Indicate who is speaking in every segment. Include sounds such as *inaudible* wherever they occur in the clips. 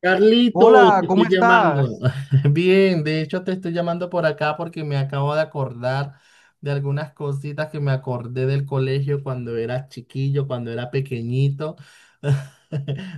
Speaker 1: Carlito,
Speaker 2: Hola,
Speaker 1: te
Speaker 2: ¿cómo
Speaker 1: estoy llamando.
Speaker 2: estás?
Speaker 1: *laughs* Bien, de hecho te estoy llamando por acá porque me acabo de acordar de algunas cositas que me acordé del colegio cuando era chiquillo, cuando era pequeñito. *laughs*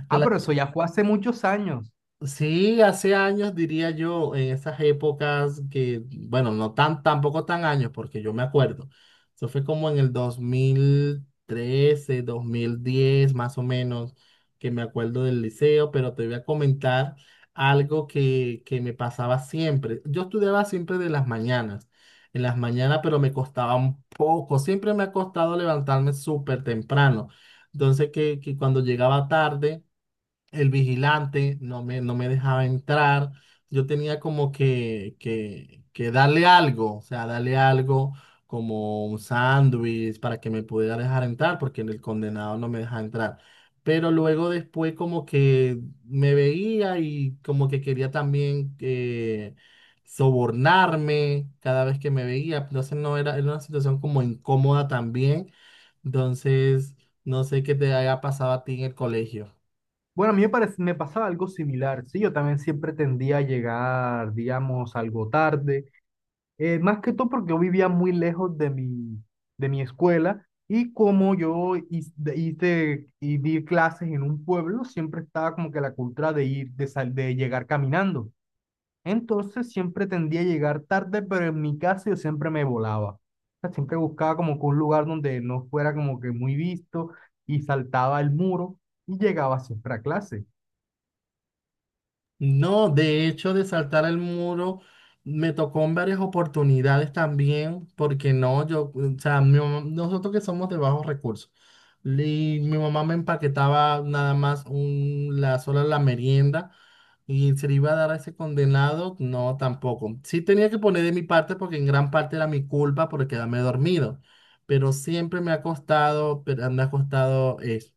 Speaker 1: Te
Speaker 2: Ah, pero eso ya fue hace muchos años.
Speaker 1: Sí, hace años diría yo, en esas épocas que, bueno, tampoco tan años, porque yo me acuerdo. Eso fue como en el 2013 2010 más o menos, que me acuerdo del liceo, pero te voy a comentar algo que me pasaba siempre. Yo estudiaba siempre de las mañanas, en las mañanas, pero me costaba un poco. Siempre me ha costado levantarme súper temprano. Entonces, que cuando llegaba tarde el vigilante no me dejaba entrar. Yo tenía como que darle algo, o sea, darle algo como un sándwich para que me pudiera dejar entrar, porque el condenado no me dejaba entrar. Pero luego después como que me veía y como que quería también sobornarme cada vez que me veía. Entonces no era, era una situación como incómoda también. Entonces, no sé qué te haya pasado a ti en el colegio.
Speaker 2: Bueno, a mí me parece, me pasaba algo similar, sí, yo también siempre tendía a llegar, digamos, algo tarde, más que todo porque yo vivía muy lejos de mi escuela y como yo y di clases en un pueblo, siempre estaba como que la cultura de ir, de llegar caminando. Entonces siempre tendía a llegar tarde, pero en mi caso yo siempre me volaba. O sea, siempre buscaba como que un lugar donde no fuera como que muy visto y saltaba el muro y llegaba siempre a clase.
Speaker 1: No, de hecho, de saltar el muro me tocó en varias oportunidades también, porque no, yo, o sea, nosotros que somos de bajos recursos, y mi mamá me empaquetaba nada más la sola la merienda y se le iba a dar a ese condenado, no, tampoco. Sí tenía que poner de mi parte porque en gran parte era mi culpa por quedarme dormido, pero siempre me ha costado, pero me ha costado eso.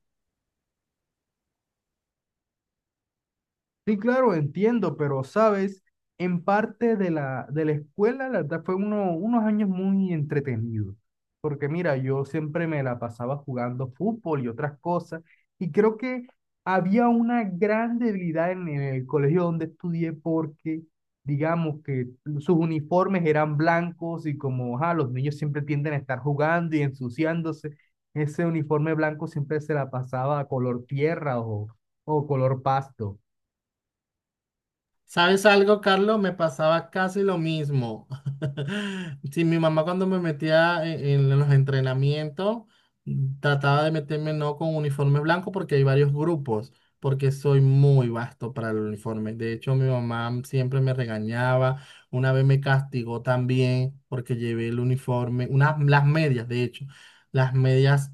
Speaker 2: Sí, claro, entiendo, pero sabes, en parte de la escuela, la verdad, fue uno, unos años muy entretenidos, porque mira, yo siempre me la pasaba jugando fútbol y otras cosas, y creo que había una gran debilidad en el colegio donde estudié, porque digamos que sus uniformes eran blancos y como ajá, los niños siempre tienden a estar jugando y ensuciándose, ese uniforme blanco siempre se la pasaba a color tierra o color pasto.
Speaker 1: ¿Sabes algo, Carlos? Me pasaba casi lo mismo. *laughs* Sí, mi mamá cuando me metía en los entrenamientos, trataba de meterme no con uniforme blanco porque hay varios grupos, porque soy muy vasto para el uniforme. De hecho, mi mamá siempre me regañaba. Una vez me castigó también porque llevé el uniforme, unas, las medias, de hecho, las medias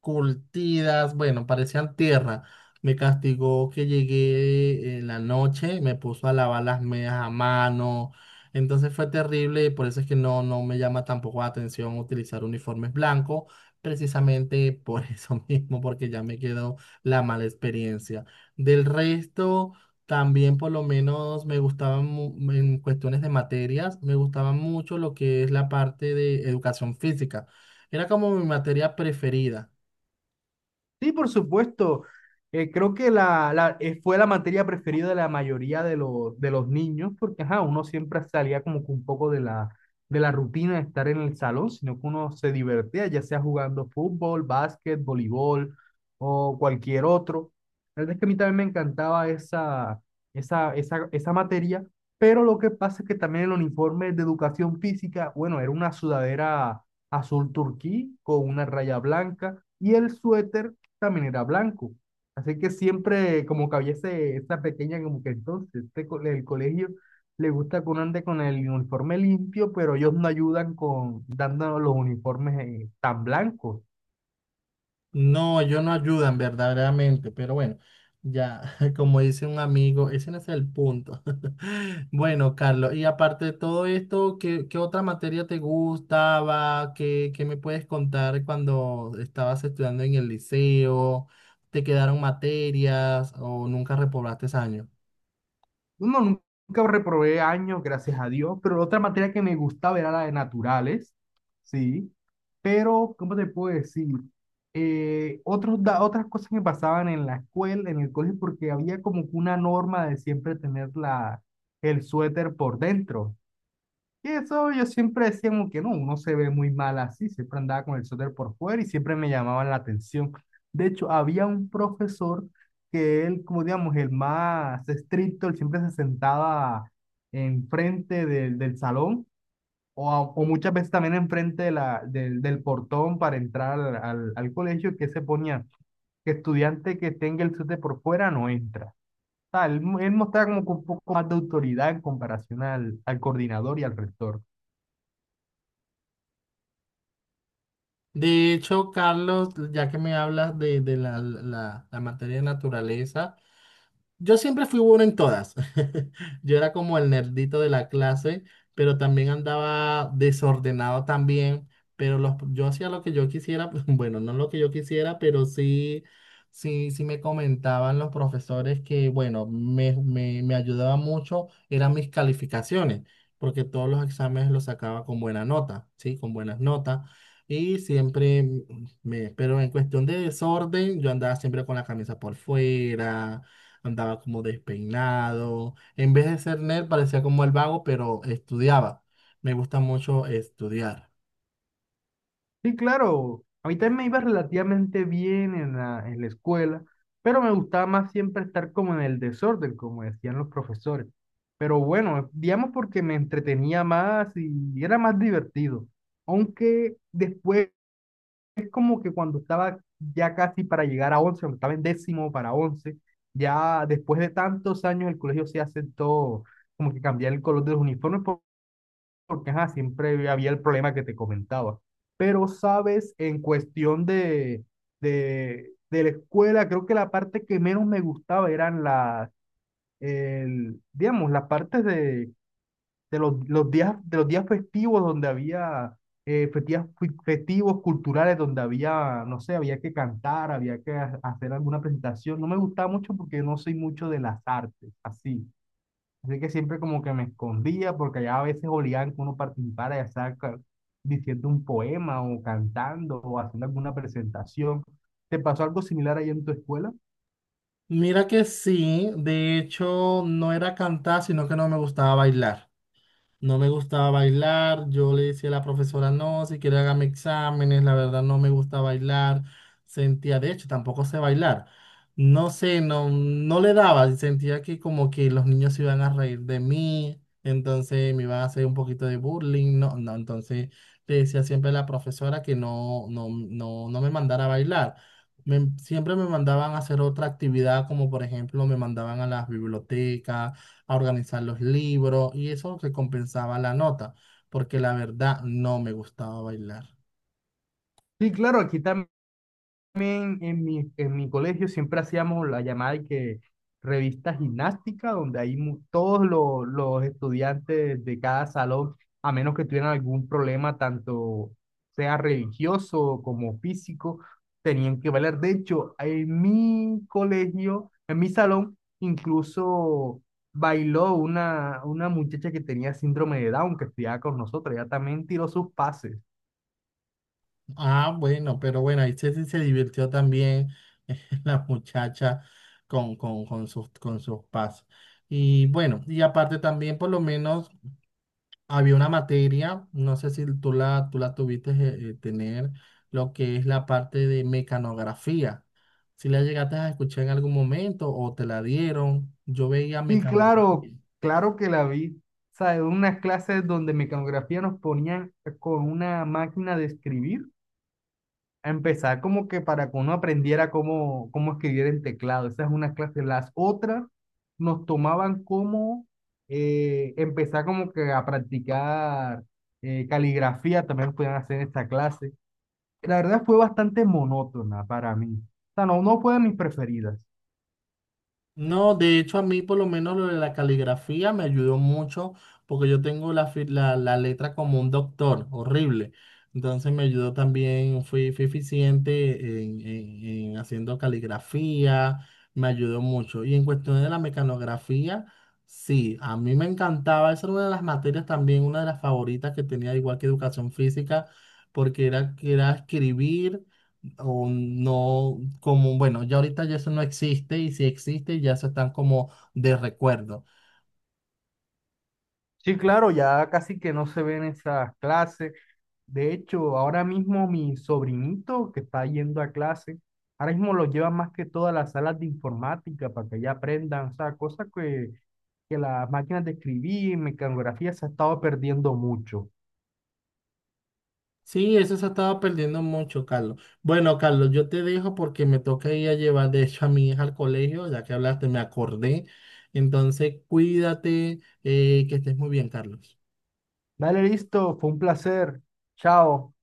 Speaker 1: curtidas, bueno, parecían tierra. Me castigó que llegué en la noche, me puso a lavar las medias a mano. Entonces fue terrible y por eso es que no, no me llama tampoco la atención utilizar uniformes blancos, precisamente por *laughs* eso mismo, porque ya me quedó la mala experiencia. Del resto, también por lo menos me gustaban en cuestiones de materias, me gustaba mucho lo que es la parte de educación física. Era como mi materia preferida.
Speaker 2: Sí, por supuesto. Creo que la fue la materia preferida de la mayoría de los niños, porque ajá, uno siempre salía como que un poco de la rutina de estar en el salón, sino que uno se divertía, ya sea jugando fútbol, básquet, voleibol o cualquier otro. La verdad es que a mí también me encantaba esa materia, pero lo que pasa es que también el uniforme de educación física, bueno, era una sudadera azul turquí con una raya blanca y el suéter también era blanco. Así que siempre como que había ese, esa pequeña como que entonces este, el colegio le gusta que uno ande con el uniforme limpio, pero ellos no ayudan con dando los uniformes tan blancos.
Speaker 1: No, ellos no ayudan verdaderamente, pero bueno, ya, *laughs* como dice un amigo, ese no es el punto. *laughs* Bueno, Carlos, y aparte de todo esto, ¿qué, qué otra materia te gustaba? ¿Qué, qué me puedes contar cuando estabas estudiando en el liceo? ¿Te quedaron materias o nunca reprobaste ese año?
Speaker 2: No, nunca reprobé años, gracias a Dios, pero otra materia que me gustaba era la de naturales, ¿sí? Pero, ¿cómo te puedo decir? Otras cosas que pasaban en la escuela, en el colegio, porque había como que una norma de siempre tener el suéter por dentro. Y eso yo siempre decía como que no, uno se ve muy mal así, siempre andaba con el suéter por fuera y siempre me llamaban la atención. De hecho, había un profesor que él, como digamos, el más estricto, él siempre se sentaba enfrente del salón o muchas veces también enfrente de del portón para entrar al colegio, que se ponía que estudiante que tenga el suéter por fuera no entra. O él mostraba como que un poco más de autoridad en comparación al coordinador y al rector.
Speaker 1: De hecho, Carlos, ya que me hablas de la materia de naturaleza, yo siempre fui bueno en todas. *laughs* Yo era como el nerdito de la clase, pero también andaba desordenado también, pero los, yo hacía lo que yo quisiera, *laughs* bueno, no lo que yo quisiera, pero sí, sí, sí me comentaban los profesores que, bueno, me ayudaba mucho, eran mis calificaciones, porque todos los exámenes los sacaba con buena nota, ¿sí? Con buenas notas. Y siempre pero en cuestión de desorden, yo andaba siempre con la camisa por fuera, andaba como despeinado. En vez de ser nerd, parecía como el vago, pero estudiaba. Me gusta mucho estudiar.
Speaker 2: Sí, claro. A mí también me iba relativamente bien en la escuela, pero me gustaba más siempre estar como en el desorden, como decían los profesores. Pero bueno, digamos porque me entretenía más y era más divertido. Aunque después, como que cuando estaba ya casi para llegar a once, cuando estaba en décimo para once, ya después de tantos años el colegio se aceptó como que cambiar el color de los uniformes, porque ajá, siempre había el problema que te comentaba. Pero, sabes, en cuestión de la escuela, creo que la parte que menos me gustaba eran digamos, las partes de los días festivos donde había festivos culturales, donde había, no sé, había que cantar, había que hacer alguna presentación. No me gustaba mucho porque no soy mucho de las artes, así. Así que siempre como que me escondía porque allá a veces obligaban que uno participara, ya sea diciendo un poema o cantando o haciendo alguna presentación. ¿Te pasó algo similar allá en tu escuela?
Speaker 1: Mira que sí, de hecho no era cantar, sino que no me gustaba bailar. No me gustaba bailar, yo le decía a la profesora, no, si quiere hágame exámenes, la verdad no me gusta bailar, sentía, de hecho, tampoco sé bailar, no sé, no, no le daba, y sentía que como que los niños se iban a reír de mí, entonces me iban a hacer un poquito de bullying, no, no, entonces le decía siempre a la profesora que no, no, no, no me mandara a bailar. Siempre me mandaban a hacer otra actividad, como por ejemplo me mandaban a las bibliotecas a organizar los libros y eso recompensaba la nota, porque la verdad no me gustaba bailar.
Speaker 2: Sí, claro, aquí también. También en mi colegio siempre hacíamos la llamada de que revista gimnástica, donde ahí todos los estudiantes de cada salón, a menos que tuvieran algún problema, tanto sea religioso como físico, tenían que valer. De hecho, en mi colegio, en mi salón, incluso bailó una muchacha que tenía síndrome de Down, que estudiaba con nosotros, ella también tiró sus pases.
Speaker 1: Ah, bueno, pero bueno, ahí Ceci se divirtió también *laughs* la muchacha con sus, con sus pasos. Y bueno, y aparte también por lo menos había una materia, no sé si tú la tuviste tener, lo que es la parte de mecanografía. Si la llegaste a escuchar en algún momento o te la dieron, yo veía
Speaker 2: Sí, claro,
Speaker 1: mecanografía.
Speaker 2: claro que la vi. O sea, en unas clases donde mecanografía nos ponían con una máquina de escribir, a empezar como que para que uno aprendiera cómo escribir en teclado. Esa es una clase. Las otras nos tomaban como empezar como que a practicar caligrafía, también nos podían hacer en esta clase. La verdad fue bastante monótona para mí. O sea, no, no fue de mis preferidas.
Speaker 1: No, de hecho a mí por lo menos lo de la caligrafía me ayudó mucho porque yo tengo la, la letra como un doctor, horrible. Entonces me ayudó también, fui eficiente en, en haciendo caligrafía, me ayudó mucho. Y en cuestión de la mecanografía, sí, a mí me encantaba, esa era una de las materias también, una de las favoritas que tenía igual que educación física, porque era, que era escribir o no, como, bueno, ya ahorita ya eso no existe y si existe ya se están como de recuerdo.
Speaker 2: Sí, claro, ya casi que no se ven esas clases. De hecho, ahora mismo mi sobrinito que está yendo a clase, ahora mismo lo llevan más que todas las salas de informática para que ya aprendan, o sea, cosas que las máquinas de escribir, mecanografía se ha estado perdiendo mucho.
Speaker 1: Sí, eso se estaba perdiendo mucho, Carlos. Bueno, Carlos, yo te dejo porque me toca ir a llevar, de hecho, a mi hija al colegio, ya que hablaste, me acordé. Entonces, cuídate, que estés muy bien, Carlos.
Speaker 2: Dale, listo, fue un placer. Chao.